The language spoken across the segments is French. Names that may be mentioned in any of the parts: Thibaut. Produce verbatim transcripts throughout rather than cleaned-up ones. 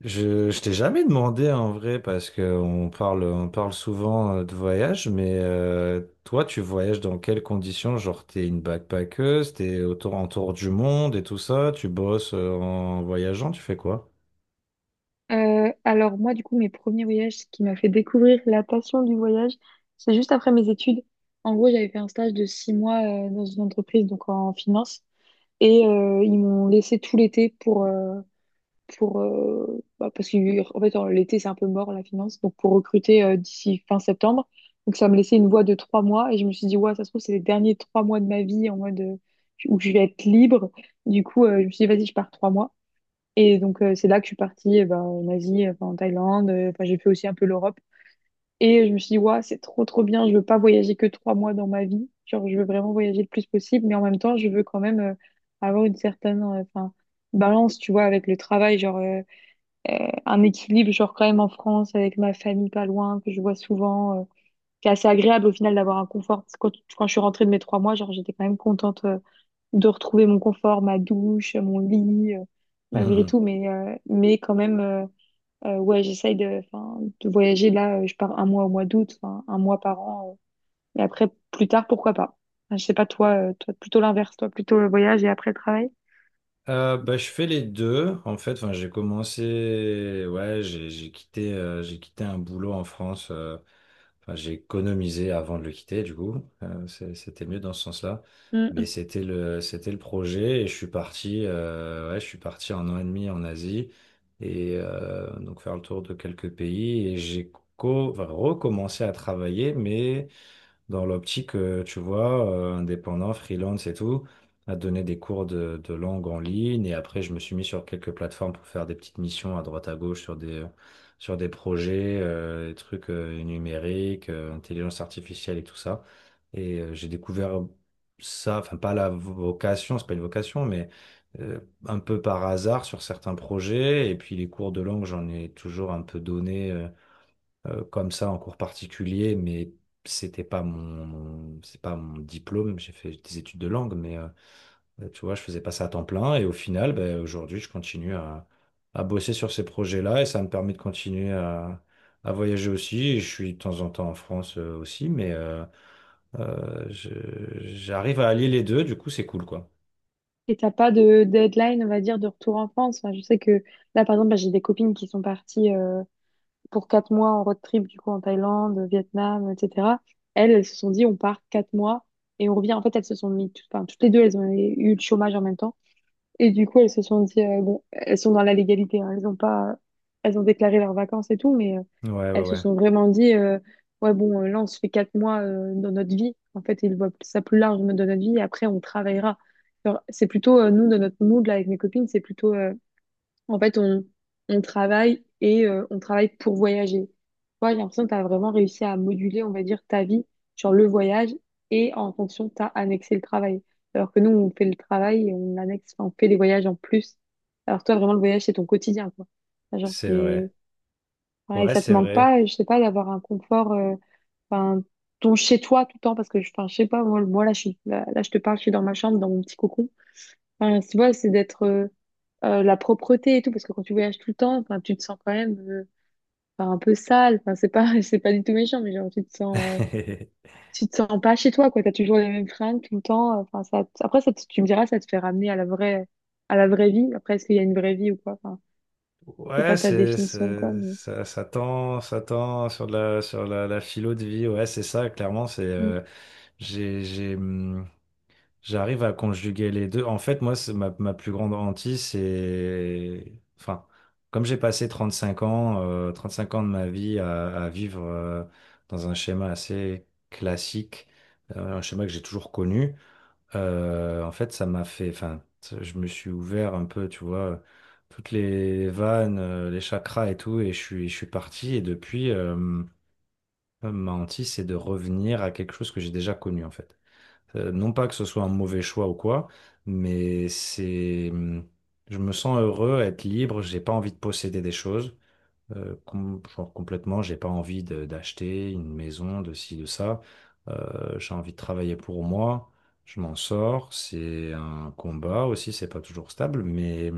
Je, je t'ai jamais demandé en vrai parce que on parle, on parle souvent euh, de voyage, mais euh, toi, tu voyages dans quelles conditions? Genre, t'es une backpackeuse, t'es autour en tour du monde et tout ça, tu bosses euh, en voyageant, tu fais quoi? Euh, alors moi, du coup, mes premiers voyages, ce qui m'a fait découvrir la passion du voyage, c'est juste après mes études. En gros, j'avais fait un stage de six mois euh, dans une entreprise, donc en finance, et euh, ils m'ont laissé tout l'été pour, euh, pour euh, bah, parce que en fait, en- l'été, c'est un peu mort, la finance, donc pour recruter euh, d'ici fin septembre. Donc ça me laissait une voie de trois mois, et je me suis dit, ouais, ça se trouve, c'est les derniers trois mois de ma vie en mode euh, où je vais être libre. Du coup, euh, je me suis dit, vas-y, je pars trois mois. Et donc, euh, c'est là que je suis partie eh ben, en Asie, euh, enfin, en Thaïlande. euh, Enfin, j'ai fait aussi un peu l'Europe. Et je me suis dit, ouais c'est trop, trop bien. Je veux pas voyager que trois mois dans ma vie. Genre, je veux vraiment voyager le plus possible. Mais en même temps, je veux quand même euh, avoir une certaine euh, enfin, balance, tu vois, avec le travail. Genre, euh, euh, un équilibre, genre, quand même en France, avec ma famille pas loin, que je vois souvent. Euh, c'est assez agréable au final d'avoir un confort. Parce que Quand, quand je suis rentrée de mes trois mois, genre, j'étais quand même contente, euh, de retrouver mon confort, ma douche, mon lit, euh, malgré tout. Mais, euh, mais quand même, euh, euh, ouais, j'essaye de, enfin, de voyager. Là, euh, je pars un mois au mois d'août, enfin, un mois par an. euh. Et après, plus tard, pourquoi pas. Enfin, je sais pas, toi, euh, toi plutôt l'inverse, toi plutôt le voyage et après le travail. Euh, bah, je fais les deux en fait. Enfin, j'ai commencé, ouais, j'ai j'ai quitté, euh, j'ai quitté un boulot en France. euh, Enfin, j'ai économisé avant de le quitter, du coup. Euh, c'est- c'était mieux dans ce sens-là. Mais Mm. c'était le, c'était le projet et je suis parti, euh, ouais, je suis parti un an et demi en Asie et euh, donc faire le tour de quelques pays et j'ai co- enfin, recommencé à travailler, mais dans l'optique, euh, tu vois, euh, indépendant, freelance et tout, à donner des cours de, de langue en ligne. Et après, je me suis mis sur quelques plateformes pour faire des petites missions à droite à gauche sur des, sur des projets, euh, des trucs euh, numériques, euh, intelligence artificielle et tout ça. Et euh, j'ai découvert ça, enfin pas la vocation, c'est pas une vocation, mais euh, un peu par hasard sur certains projets. Et puis les cours de langue, j'en ai toujours un peu donné. Euh, euh, comme ça en cours particulier, mais c'était pas mon, c'est pas mon diplôme. J'ai fait des études de langue, mais euh, tu vois, je faisais pas ça à temps plein. Et au final, ben, aujourd'hui, je continue à, à bosser sur ces projets-là et ça me permet de continuer à, à voyager aussi. Et je suis de temps en temps en France euh, aussi, mais euh, euh, je- j'arrive à allier les deux. Du coup, c'est cool, quoi. Et t'as pas de deadline, on va dire, de retour en France. Enfin, je sais que là, par exemple, bah, j'ai des copines qui sont parties, euh, pour quatre mois en road trip, du coup, en Thaïlande, Vietnam, et cetera. Elles, elles se sont dit, on part quatre mois et on revient. En fait, elles se sont mis, tout- enfin, toutes les deux, elles ont eu le chômage en même temps. Et du coup, elles se sont dit, euh, bon, elles sont dans la légalité, hein. Elles ont pas, elles ont déclaré leurs vacances et tout, mais euh, Ouais, ouais, elles se ouais. sont vraiment dit, euh, ouais, bon, euh, là, on se fait quatre mois euh, dans notre vie. En fait, ils voient ça plus large dans notre vie et après, on travaillera. Genre, c'est plutôt, euh, nous, dans notre mood, là, avec mes copines, c'est plutôt, euh, en fait, on, on travaille et euh, on travaille pour voyager. Toi, j'ai l'impression que tu as vraiment réussi à moduler, on va dire, ta vie sur le voyage et en fonction, tu as annexé le travail. Alors que nous, on fait le travail et on annexe, enfin, on fait les voyages en plus. Alors toi, vraiment, le voyage, c'est ton quotidien, quoi. Enfin, genre, C'est vrai. t'es... ouais, et Ouais, ça te c'est manque vrai. pas, je sais pas, d'avoir un confort, euh, enfin, ton chez-toi tout le temps, parce que, je- enfin, je sais pas, moi, moi, là, je suis, là, là, je te parle, je suis dans ma chambre, dans mon petit cocon. Enfin, tu vois, c'est d'être euh, euh, la propreté et tout, parce que quand tu voyages tout le temps, enfin, tu te sens quand même euh, enfin, un peu sale. Enfin, c'est pas, c'est pas du tout méchant, mais genre, tu te sens, euh, tu te sens pas chez toi, quoi. T'as toujours les mêmes fringues tout le temps. Enfin, ça, te- après, ça, te- tu me diras, ça te fait ramener à la vraie, à la vraie vie. Après, est-ce qu'il y a une vraie vie ou quoi? Enfin, c'est Ouais, pas ta c'est, définition de quoi, c'est, mais... ça, ça tend, ça tend sur de la, sur la, la philo de vie. Ouais, c'est ça, clairement. C'est, mm. euh, j'ai, j'ai, hum, J'arrive à conjuguer les deux. En fait, moi, c'est ma, ma plus grande hantise, c'est, enfin, comme j'ai passé trente cinq ans, euh, cinq ans de ma vie à, à vivre, euh, dans un schéma assez classique, euh, un schéma que j'ai toujours connu. Euh, en fait, ça m'a fait, enfin, je me suis ouvert un peu, tu vois, toutes les vannes, euh, les chakras et tout, et je suis, je suis parti. Et depuis, euh, ma hantise, c'est de revenir à quelque chose que j'ai déjà connu, en fait. Euh, non pas que ce soit un mauvais choix ou quoi, mais c'est, hum, je me sens heureux à être libre. J'ai pas envie de posséder des choses euh, com- genre complètement, j'ai pas envie de- d'acheter une maison, de ci, de ça. Euh, j'ai envie de travailler pour moi. Je m'en sors. C'est un combat aussi, c'est pas toujours stable, mais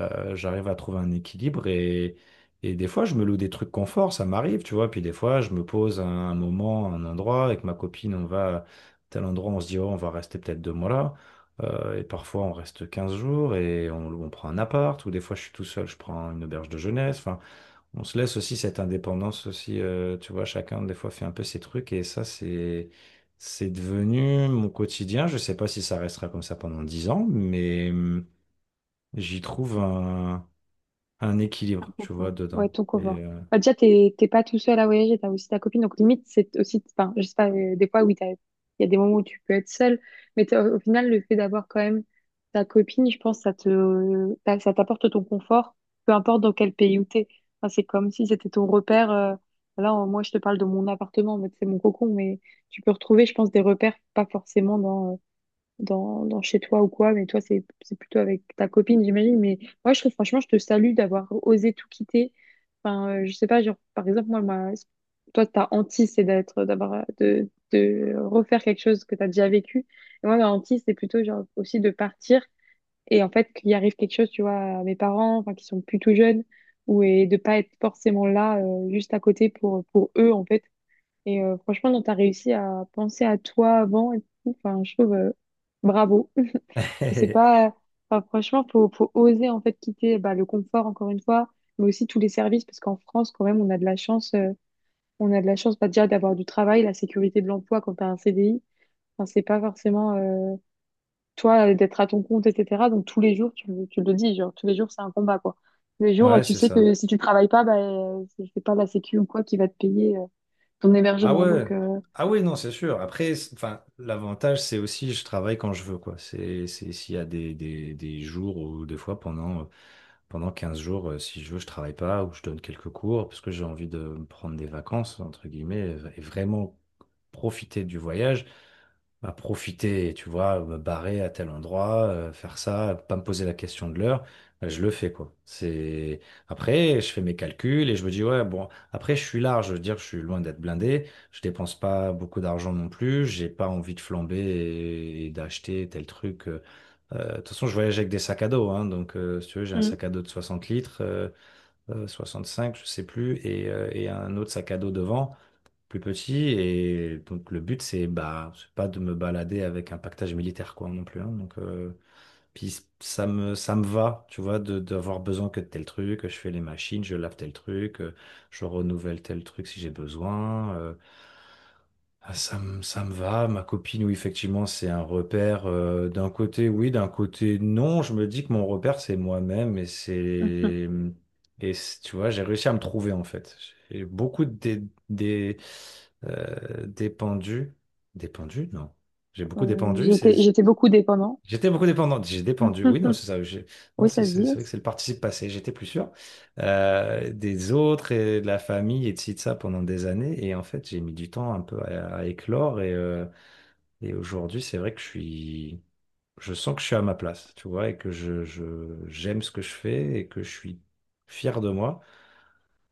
euh, j'arrive à trouver un équilibre et, et des fois, je me loue des trucs confort, ça m'arrive, tu vois. Puis des fois, je me pose à un moment, à un endroit, avec ma copine, on va à tel endroit, on se dit, oh, on va rester peut-être deux mois là. Euh, et parfois, on reste quinze jours et on, on prend un appart, ou des fois, je suis tout seul, je prends une auberge de jeunesse. Enfin, on se laisse aussi cette indépendance aussi, euh, tu vois, chacun des fois fait un peu ses trucs et ça, c'est, c'est devenu mon quotidien. Je sais pas si ça restera comme ça pendant dix ans, mais hum, j'y trouve un, un équilibre, tu vois, Confort. Ouais, dedans. ton Et, confort. euh, Bah, déjà, t'es t'es pas tout seul à voyager, t'as aussi ta copine. Donc, limite, c'est aussi, enfin, je sais pas, euh, des fois, oui, t'as- il y a des moments où tu peux être seul, mais t'as- au final, le fait d'avoir quand même ta copine, je pense, ça te, ça ça t'apporte ton confort, peu importe dans quel pays où t'es. Enfin, c'est comme si c'était ton repère. Euh, là, en- moi, je te parle de mon appartement, mais c'est mon cocon, mais tu peux retrouver, je pense, des repères, pas forcément dans, dans, dans chez toi ou quoi, mais toi, c'est, c'est plutôt avec ta copine, j'imagine. Mais moi, je trouve, franchement, je te salue d'avoir osé tout quitter. Enfin, euh, je sais pas, genre, par exemple, moi, ma... toi, ta hantise, c'est d'être, d'avoir, de, de refaire quelque chose que tu as déjà vécu. Et moi, ma hantise, c'est plutôt, genre, aussi de partir et en fait, qu'il arrive quelque chose, tu vois, à mes parents, enfin, qui sont plus tout jeunes, ou et de pas être forcément là, euh, juste à côté pour, pour eux, en fait. Et euh, franchement, tu as réussi à penser à toi avant et tout. Enfin, je trouve, euh, bravo. C'est pas, enfin, franchement, faut, faut oser en fait quitter bah, le confort encore une fois, mais aussi tous les services parce qu'en France quand même on a de la chance, euh, on a de la chance bah, déjà d'avoir du travail, la sécurité de l'emploi quand t'as un C D I, enfin, c'est pas forcément euh, toi euh, d'être à ton compte et cetera. Donc tous les jours tu, le- tu le dis genre tous les jours c'est un combat quoi. Tous les jours euh, ouais, tu c'est sais ça. que si tu travailles pas bah euh, c'est c'est pas la sécu ou quoi qui va te payer euh, ton Ah hébergement ouais, donc euh, ah oui, non, c'est sûr. Après, c'est- enfin, l'avantage, c'est aussi je travaille quand je veux, quoi. C'est, c'est s'il y a des, des, des jours ou des fois pendant Pendant quinze jours, euh, si je veux, je travaille pas ou je donne quelques cours parce que j'ai envie de me prendre des vacances, entre guillemets, et vraiment profiter du voyage, bah, profiter, tu vois, me barrer à tel endroit, euh, faire ça, pas me poser la question de l'heure, bah, je le fais, quoi. C'est… Après, je fais mes calculs et je me dis, ouais, bon, après, je suis large, je veux dire, je suis loin d'être blindé, je dépense pas beaucoup d'argent non plus, j'ai pas envie de flamber et, et d'acheter tel truc. Euh, euh, de toute façon, je voyage avec des sacs à dos, hein, donc euh, si tu veux, j'ai un mm, sac à dos de soixante litres, euh, euh, soixante-cinq, je sais plus, et, euh, et un autre sac à dos devant, plus petit. Et donc le but, c'est bah, c'est pas de me balader avec un pactage militaire, quoi, non plus. Hein. Donc euh, puis ça me, ça me va, tu vois, de, d'avoir besoin que de tel truc. Je fais les machines, je lave tel truc, euh, je renouvelle tel truc si j'ai besoin. euh, ah, Ça me, ça me va, ma copine, oui, effectivement, c'est un repère. Euh, d'un côté, oui, d'un côté, non. Je me dis que mon repère, c'est moi-même et mhm. c'est. Et c'est- tu vois, j'ai réussi à me trouver, en fait. J'ai beaucoup dé, dé, des, euh, dépendu. Dépendu? Non. J'ai beaucoup Euh, dépendu, c'est. j'étais j'étais beaucoup dépendant. J'étais beaucoup dépendante. J'ai dépendu, oui, non, c'est ça. j'ai- Non, Oui c'est ça se c'est- dit. c'est vrai que c'est le participe passé. J'étais plus sûr euh, des autres et de la famille et de ci, de ça pendant des années. Et en fait, j'ai mis du temps un peu à, à éclore. Et, euh, et aujourd'hui, c'est vrai que je suis, je sens que je suis à ma place, tu vois, et que je, je- j'aime ce que je fais et que je suis fier de moi.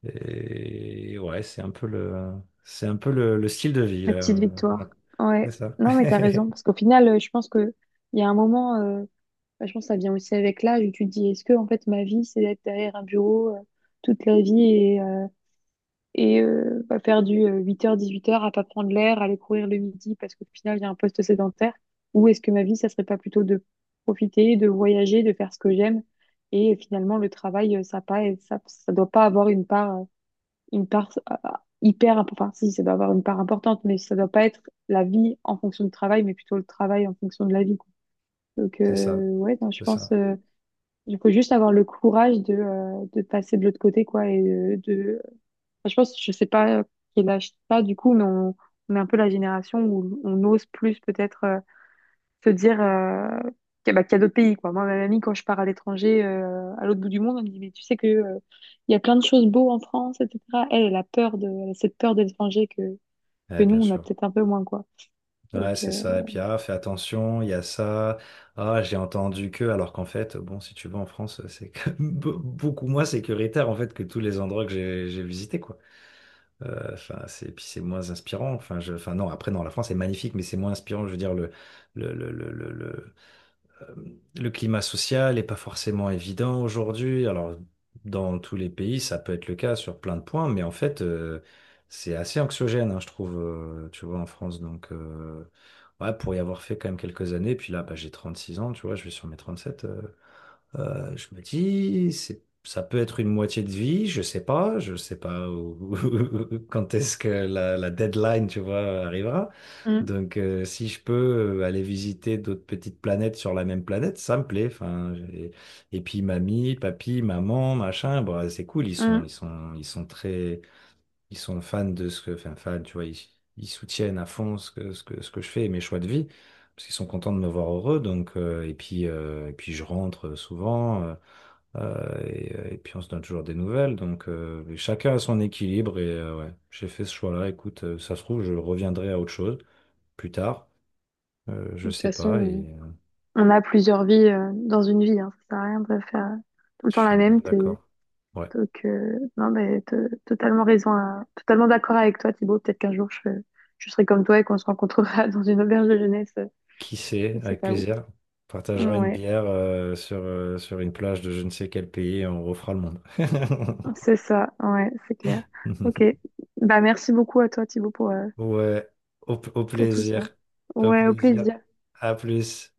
Et ouais, c'est un peu le, c'est un peu le, le style de vie, là. La petite euh, Ouais, victoire. c'est Ouais. ça. Non, mais t'as raison. Parce qu'au final, euh, je pense que il y a un moment, euh, bah, je pense que ça vient aussi avec l'âge où tu te dis, est-ce que, en fait, ma vie, c'est d'être derrière un bureau, euh, toute la vie et, euh, et euh, bah, faire du euh, huit heures dix-huit heures à pas prendre l'air, aller courir le midi parce qu'au final, il y a un poste sédentaire. Ou est-ce que ma vie, ça serait pas plutôt de profiter, de voyager, de faire ce que j'aime. Et euh, finalement, le travail, euh, ça pas, ça, ça doit pas avoir une part euh, une part euh, hyper, imp- enfin si, ça doit avoir une part importante, mais ça doit pas être la vie en fonction du travail, mais plutôt le travail en fonction de la vie, quoi. Donc C'est euh, ça. ouais, non, je C'est pense, ça. euh, il faut juste avoir le courage de, euh, de passer de l'autre côté, quoi, et de, de- enfin, je pense, je sais pas quel âge t'as du coup, mais on, on est un peu la génération où on ose plus peut-être, euh, se dire euh, que- bah, qu'il y a d'autres pays, quoi. Moi, ma mamie, quand je pars à l'étranger, euh, à l'autre bout du monde, elle me dit, mais tu sais que, euh, il y a plein de choses beaux en France, et cetera. Elle, elle a peur de, elle a cette peur de l'étranger que, que Eh, nous, bien on a sûr. peut-être un peu moins, quoi. Donc, Ouais, euh, c'est ça. Et puis, ah, fais attention, il y a ça. Ah, j'ai entendu que, alors qu'en fait, bon, si tu vas en France, c'est quand même be- beaucoup moins sécuritaire, en fait, que tous les endroits que j'ai j'ai visités, quoi. Euh, Enfin, c'est, puis c'est moins inspirant. Enfin, je, enfin, non, après, non, la France est magnifique, mais c'est moins inspirant, je veux dire, le, le, le, le, le, le- le climat social n'est pas forcément évident aujourd'hui. Alors, dans tous les pays, ça peut être le cas sur plein de points, mais en fait, euh, c'est assez anxiogène, hein, je trouve, euh, tu vois, en France. Donc, euh, ouais, pour y avoir fait quand même quelques années, puis là, bah, j'ai trente-six ans, tu vois, je vais sur mes trente-sept. Euh, je me dis, c'est, ça peut être une moitié de vie, je sais pas, je sais pas où- quand est-ce que la, la deadline, tu vois, arrivera. Mm, Donc, euh, si je peux euh, aller visiter d'autres petites planètes sur la même planète, ça me plaît. Enfin, j'ai- et puis mamie, papy, maman, machin, bon, c'est cool. Ils sont, ils mm. Sont, ils sont très, ils sont fans de ce que, enfin, fans, tu vois, ils, ils soutiennent à fond ce que, ce que, ce que je fais et mes choix de vie, parce qu'ils sont contents de me voir heureux, donc, euh, et puis, euh, et puis je rentre souvent, euh, euh, et, euh, et puis on se donne toujours des nouvelles, donc euh, chacun a son équilibre, et euh, ouais, j'ai fait ce choix-là, écoute, euh, ça se trouve, je reviendrai à autre chose plus tard, euh, je De toute sais façon, pas. on et euh, on a plusieurs vies euh, dans une vie, hein. Ça sert à rien de faire tout le Je temps suis la bien même. T'es, d'accord. Ouais, donc, euh, non, mais t'as totalement raison, à- totalement d'accord avec toi, Thibaut. Peut-être qu'un jour, je, je serai comme toi et qu'on se rencontrera dans une auberge de jeunesse, euh, qui sait, je sais avec pas où. plaisir. On Partagera une Ouais. bière euh, sur, euh, sur une plage de je ne sais quel pays et on refera le monde. C'est ça, ouais, c'est clair. Ok. Bah, merci beaucoup à toi, Thibaut, pour, euh, Ouais, au, au pour tout ça. plaisir. Au Ouais, au plaisir. plaisir. À plus.